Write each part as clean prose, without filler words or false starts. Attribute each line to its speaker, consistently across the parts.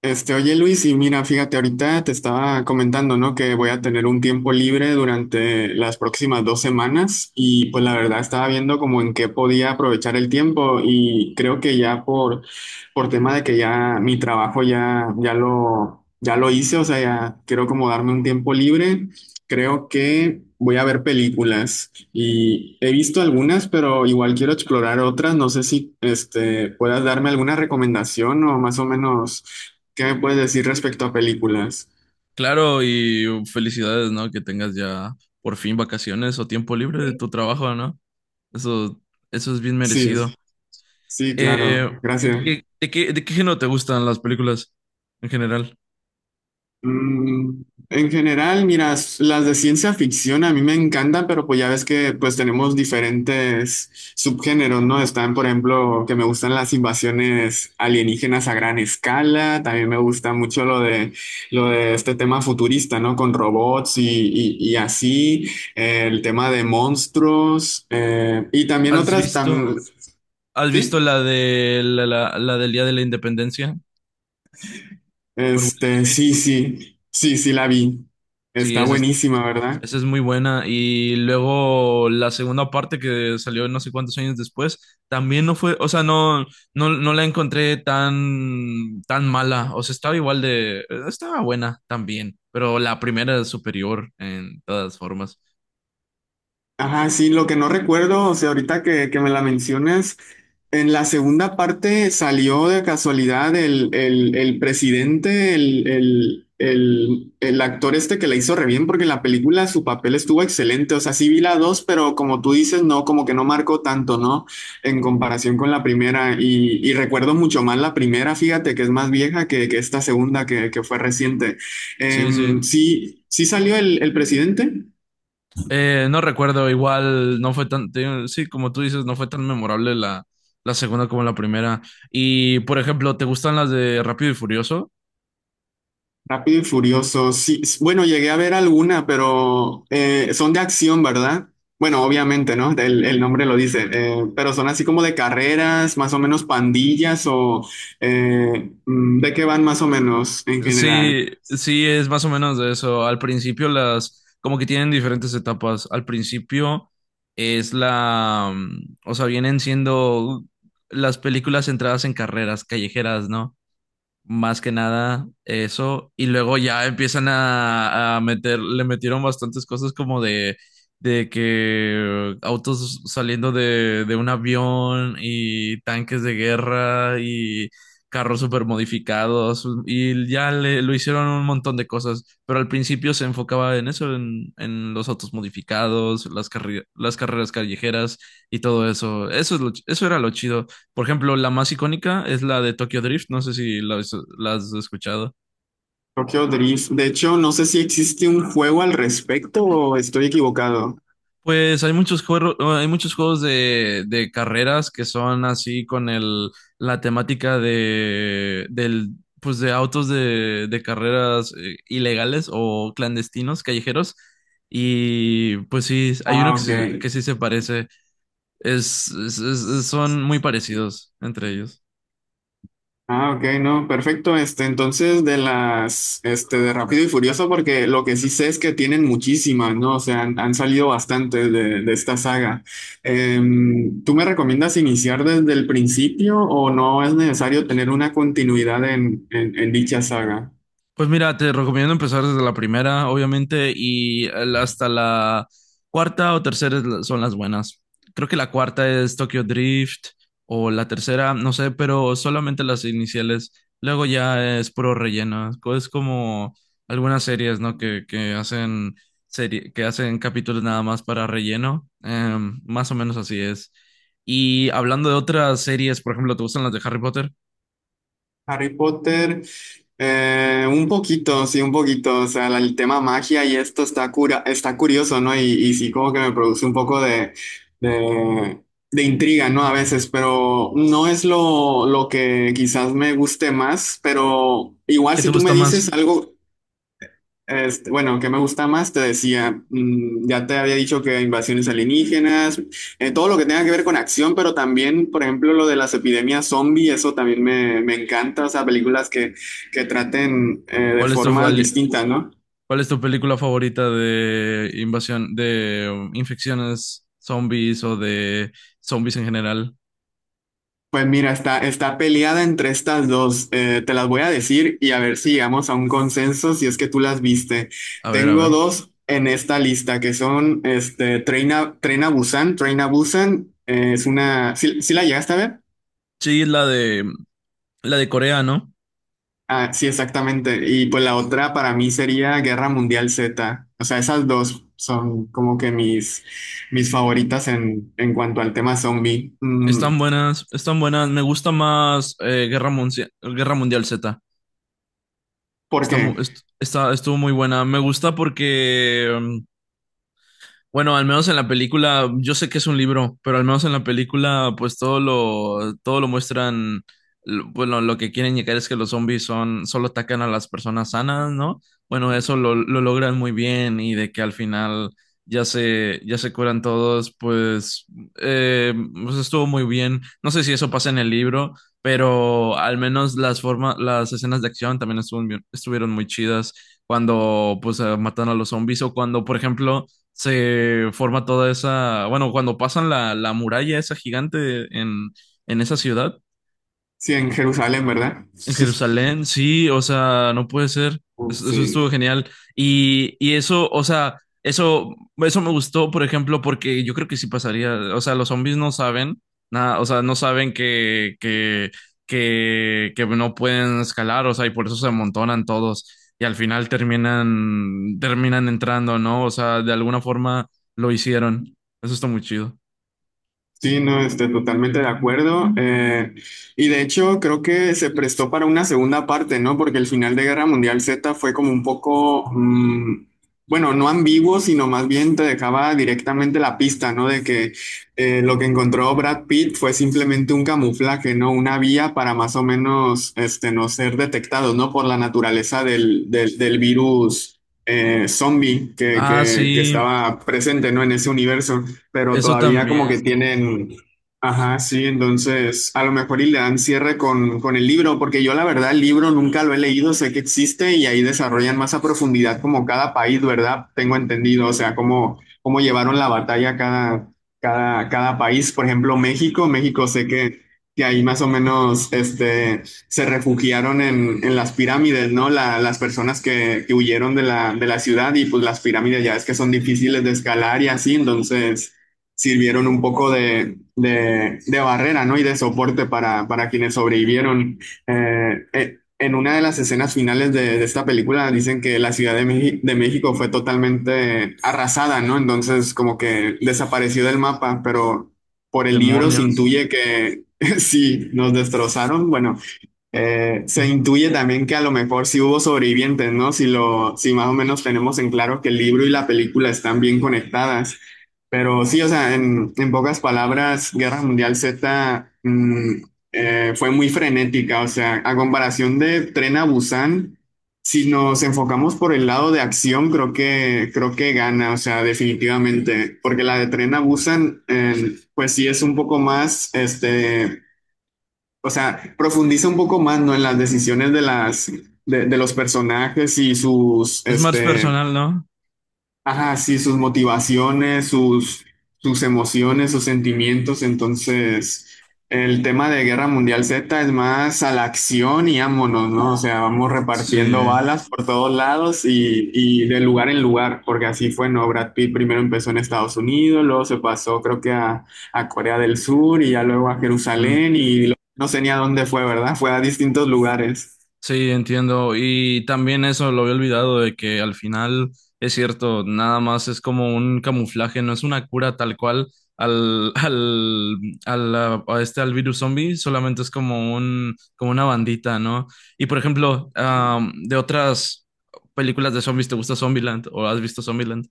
Speaker 1: Oye Luis, y mira, fíjate, ahorita te estaba comentando, ¿no? Que voy a tener un tiempo libre durante las próximas dos semanas y pues la verdad estaba viendo como en qué podía aprovechar el tiempo y creo que ya por tema de que ya mi trabajo ya lo hice, o sea, ya quiero como darme un tiempo libre, creo que voy a ver películas y he visto algunas, pero igual quiero explorar otras, no sé si puedas darme alguna recomendación o más o menos. ¿Qué me puedes decir respecto a películas?
Speaker 2: Claro, y felicidades, ¿no? Que tengas ya por fin vacaciones o tiempo libre de tu trabajo, ¿no? Eso, eso es bien
Speaker 1: Sí,
Speaker 2: merecido.
Speaker 1: sí, claro,
Speaker 2: Eh,
Speaker 1: gracias.
Speaker 2: ¿De qué, de qué género te gustan las películas en general?
Speaker 1: Mm, en general, mira, las de ciencia ficción a mí me encantan, pero pues ya ves que pues tenemos diferentes subgéneros, ¿no? Están, por ejemplo, que me gustan las invasiones alienígenas a gran escala, también me gusta mucho lo de este tema futurista, ¿no? Con robots y así, el tema de monstruos, y también
Speaker 2: ¿Has
Speaker 1: otras tan...
Speaker 2: visto, ¿Has
Speaker 1: ¿Sí?
Speaker 2: visto la de la del Día de la Independencia con Will
Speaker 1: Este,
Speaker 2: Smith?
Speaker 1: sí, sí, sí, sí la vi.
Speaker 2: Sí,
Speaker 1: Está buenísima, ¿verdad?
Speaker 2: esa es muy buena. Y luego la segunda parte que salió no sé cuántos años después, también no fue, o sea, no la encontré tan, tan mala. O sea, estaba igual de, estaba buena también, pero la primera es superior en todas formas.
Speaker 1: Ajá, sí, lo que no recuerdo, o sea, ahorita que me la mencionas, en la segunda parte salió de casualidad el presidente, el actor este que la hizo re bien, porque en la película su papel estuvo excelente, o sea, sí vi la dos, pero como tú dices, no, como que no marcó tanto, ¿no? En comparación con la primera, y recuerdo mucho más la primera, fíjate, que es más vieja que esta segunda que fue reciente.
Speaker 2: Sí, sí.
Speaker 1: Sí, sí salió el presidente.
Speaker 2: No recuerdo, igual no fue tan, te digo, sí, como tú dices, no fue tan memorable la segunda como la primera. Y, por ejemplo, ¿te gustan las de Rápido y Furioso?
Speaker 1: Rápido y Furioso, sí. Bueno, llegué a ver alguna, pero son de acción, ¿verdad? Bueno, obviamente, ¿no? El nombre lo dice, pero son así como de carreras, más o menos pandillas o ¿de qué van más o menos en general?
Speaker 2: Sí, sí, es más o menos de eso. Al principio las, como que tienen diferentes etapas. Al principio es o sea, vienen siendo las películas centradas en carreras callejeras, ¿no? Más que nada eso. Y luego ya empiezan a meter, le metieron bastantes cosas como de que autos saliendo de un avión y tanques de guerra y carros super modificados. Y ya le, lo hicieron un montón de cosas. Pero al principio se enfocaba en eso, en los autos modificados, las, las carreras callejeras y todo eso. Eso era lo chido. Por ejemplo, la más icónica es la de Tokyo Drift, no sé si la, has la has escuchado.
Speaker 1: Tokyo Drift. De hecho, no sé si existe un juego al respecto o estoy equivocado.
Speaker 2: Pues hay muchos juegos de carreras que son así con el, la temática de, del, pues de autos de carreras ilegales o clandestinos, callejeros. Y pues sí, hay uno
Speaker 1: Ah, ok.
Speaker 2: que sí se parece. Son muy parecidos entre ellos.
Speaker 1: Ah, ok, no, perfecto. Entonces de de Rápido y Furioso, porque lo que sí sé es que tienen muchísimas, ¿no? O sea, han salido bastantes de esta saga. ¿Tú me recomiendas iniciar desde el principio o no es necesario tener una continuidad en dicha saga?
Speaker 2: Pues mira, te recomiendo empezar desde la primera, obviamente, y hasta la cuarta o tercera son las buenas. Creo que la cuarta es Tokyo Drift o la tercera, no sé, pero solamente las iniciales. Luego ya es puro relleno. Es como algunas series, ¿no? Que hacen serie, que hacen capítulos nada más para relleno. Más o menos así es. Y hablando de otras series, por ejemplo, ¿te gustan las de Harry Potter?
Speaker 1: Harry Potter, eh, un poquito, sí, un poquito. O sea, el tema magia y esto está cura, está curioso, ¿no? Y sí, como que me produce un poco de, de intriga, ¿no? A veces, pero no es lo que quizás me guste más, pero igual
Speaker 2: ¿Qué te
Speaker 1: si tú me
Speaker 2: gusta más?
Speaker 1: dices algo, bueno, ¿qué me gusta más? Te decía, mm, ya te había dicho que invasiones alienígenas, todo lo que tenga que ver con acción, pero también, por ejemplo, lo de las epidemias zombie, eso también me encanta, o sea, películas que traten de
Speaker 2: ¿Cuál es tu,
Speaker 1: formas distintas, ¿no?
Speaker 2: ¿Cuál es tu película favorita de invasión, de infecciones zombies o de zombies en general?
Speaker 1: Pues mira, está peleada entre estas dos, te las voy a decir y a ver si llegamos a un consenso, si es que tú las viste.
Speaker 2: A ver, a
Speaker 1: Tengo
Speaker 2: ver.
Speaker 1: dos en esta lista que son Tren a Busan, Train a Busan, es una, ¿sí, sí la llegaste a ver?
Speaker 2: Sí, la de Corea, ¿no?
Speaker 1: Ah, sí, exactamente. Y pues la otra para mí sería Guerra Mundial Z. O sea, esas dos son como que mis, mis favoritas en cuanto al tema zombie. Mm,
Speaker 2: Están buenas, están buenas. Me gusta más Guerra Mundial Z.
Speaker 1: ¿por
Speaker 2: Está, mu-
Speaker 1: qué?
Speaker 2: est- está- Estuvo muy buena. Me gusta porque bueno, al menos en la película, yo sé que es un libro, pero al menos en la película, pues todo lo muestran, bueno, lo que quieren llegar es que los zombies son, solo atacan a las personas sanas, ¿no? Bueno, lo logran muy bien y de que al final ya se curan todos, pues, eh, pues estuvo muy bien. No sé si eso pasa en el libro, pero al menos las formas, las escenas de acción también estuvieron, estuvieron muy chidas cuando, pues, matan a los zombies o cuando, por ejemplo, se forma toda esa, bueno, cuando pasan la muralla esa gigante en esa ciudad,
Speaker 1: Sí, en Jerusalén, ¿verdad?
Speaker 2: en Jerusalén, sí, o sea, no puede ser.
Speaker 1: Uf,
Speaker 2: Eso estuvo
Speaker 1: sí.
Speaker 2: genial. Y eso, o sea, eso me gustó, por ejemplo, porque yo creo que sí pasaría. O sea, los zombies no saben nada, o sea, no saben que no pueden escalar, o sea, y por eso se amontonan todos. Y al final terminan, terminan entrando, ¿no? O sea, de alguna forma lo hicieron. Eso está muy chido.
Speaker 1: Sí, no, estoy totalmente de acuerdo. Y de hecho, creo que se prestó para una segunda parte, ¿no? Porque el final de Guerra Mundial Z fue como un poco, mm, bueno, no ambiguo, sino más bien te dejaba directamente la pista, ¿no? De que lo que encontró Brad Pitt fue simplemente un camuflaje, ¿no? Una vía para más o menos, no ser detectados, ¿no? Por la naturaleza del virus. Zombie que,
Speaker 2: Ah,
Speaker 1: que que
Speaker 2: sí,
Speaker 1: estaba presente, ¿no? En ese universo, pero
Speaker 2: eso
Speaker 1: todavía
Speaker 2: también.
Speaker 1: como que tienen, ajá, sí, entonces a lo mejor y le dan cierre con el libro, porque yo la verdad el libro nunca lo he leído, sé que existe y ahí desarrollan más a profundidad como cada país, ¿verdad? Tengo entendido, o sea, cómo, cómo llevaron la batalla cada país, por ejemplo, México, México sé que ahí más o menos se refugiaron en las pirámides, ¿no? Las personas que huyeron de la ciudad, y pues las pirámides ya es que son difíciles de escalar y así, entonces sirvieron un poco de barrera, ¿no? Y de soporte para quienes sobrevivieron. En una de las escenas finales de esta película dicen que la Ciudad de, de México fue totalmente arrasada, ¿no? Entonces como que desapareció del mapa, pero por el libro se
Speaker 2: Demonios.
Speaker 1: intuye que sí, nos destrozaron. Bueno, se intuye también que a lo mejor sí hubo sobrevivientes, ¿no? Si más o menos tenemos en claro que el libro y la película están bien conectadas. Pero sí, o sea, en pocas palabras, Guerra Mundial Z, mm, fue muy frenética. O sea, a comparación de Tren a Busan, si nos enfocamos por el lado de acción, creo que gana, o sea, definitivamente. Porque la de Tren a Busan, pues sí es un poco más, o sea, profundiza un poco más, ¿no? En las decisiones de los personajes y sus,
Speaker 2: Es más personal, ¿no?
Speaker 1: ajá, sí, sus motivaciones, sus, sus emociones, sus sentimientos. Entonces, el tema de Guerra Mundial Z es más a la acción y ámonos, ¿no? O sea, vamos repartiendo
Speaker 2: Sí,
Speaker 1: balas por todos lados y de lugar en lugar, porque así fue, ¿no? Brad Pitt primero empezó en Estados Unidos, luego se pasó, creo que a Corea del Sur y ya luego a
Speaker 2: mm,
Speaker 1: Jerusalén y no sé ni a dónde fue, ¿verdad? Fue a distintos lugares.
Speaker 2: sí, entiendo. Y también eso lo había olvidado de que al final es cierto, nada más es como un camuflaje, no es una cura tal cual al, a a este, al virus zombie, solamente es como un, como una bandita, ¿no? Y por ejemplo, de otras películas de zombies, ¿te gusta Zombieland o has visto Zombieland?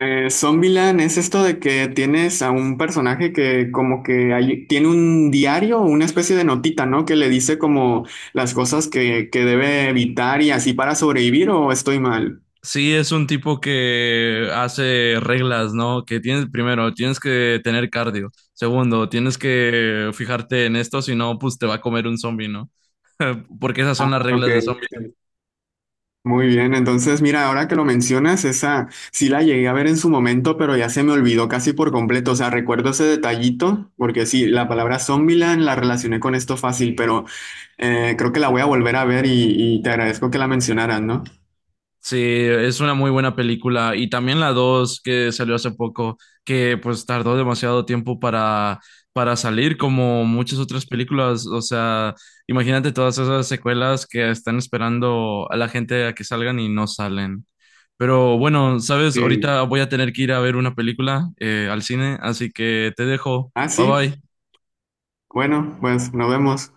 Speaker 1: Zombieland es esto de que tienes a un personaje que como que tiene un diario, una especie de notita, ¿no? Que le dice como las cosas que debe evitar y así para sobrevivir, o estoy mal.
Speaker 2: Sí, es un tipo que hace reglas, ¿no? Que tienes, primero, tienes que tener cardio. Segundo, tienes que fijarte en esto, si no, pues te va a comer un zombie, ¿no? Porque esas son las
Speaker 1: Ok,
Speaker 2: reglas de zombies.
Speaker 1: sí. Muy bien. Entonces, mira, ahora que lo mencionas, esa sí la llegué a ver en su momento, pero ya se me olvidó casi por completo. O sea, recuerdo ese detallito, porque sí, la palabra Zombieland la relacioné con esto fácil, pero creo que la voy a volver a ver, y te agradezco que la mencionaras, ¿no?
Speaker 2: Sí, es una muy buena película. Y también la 2 que salió hace poco, que pues tardó demasiado tiempo para salir, como muchas otras películas. O sea, imagínate todas esas secuelas que están esperando a la gente a que salgan y no salen. Pero bueno, sabes,
Speaker 1: Sí.
Speaker 2: ahorita voy a tener que ir a ver una película al cine, así que te dejo.
Speaker 1: Ah,
Speaker 2: Bye
Speaker 1: sí.
Speaker 2: bye.
Speaker 1: Bueno, pues nos vemos.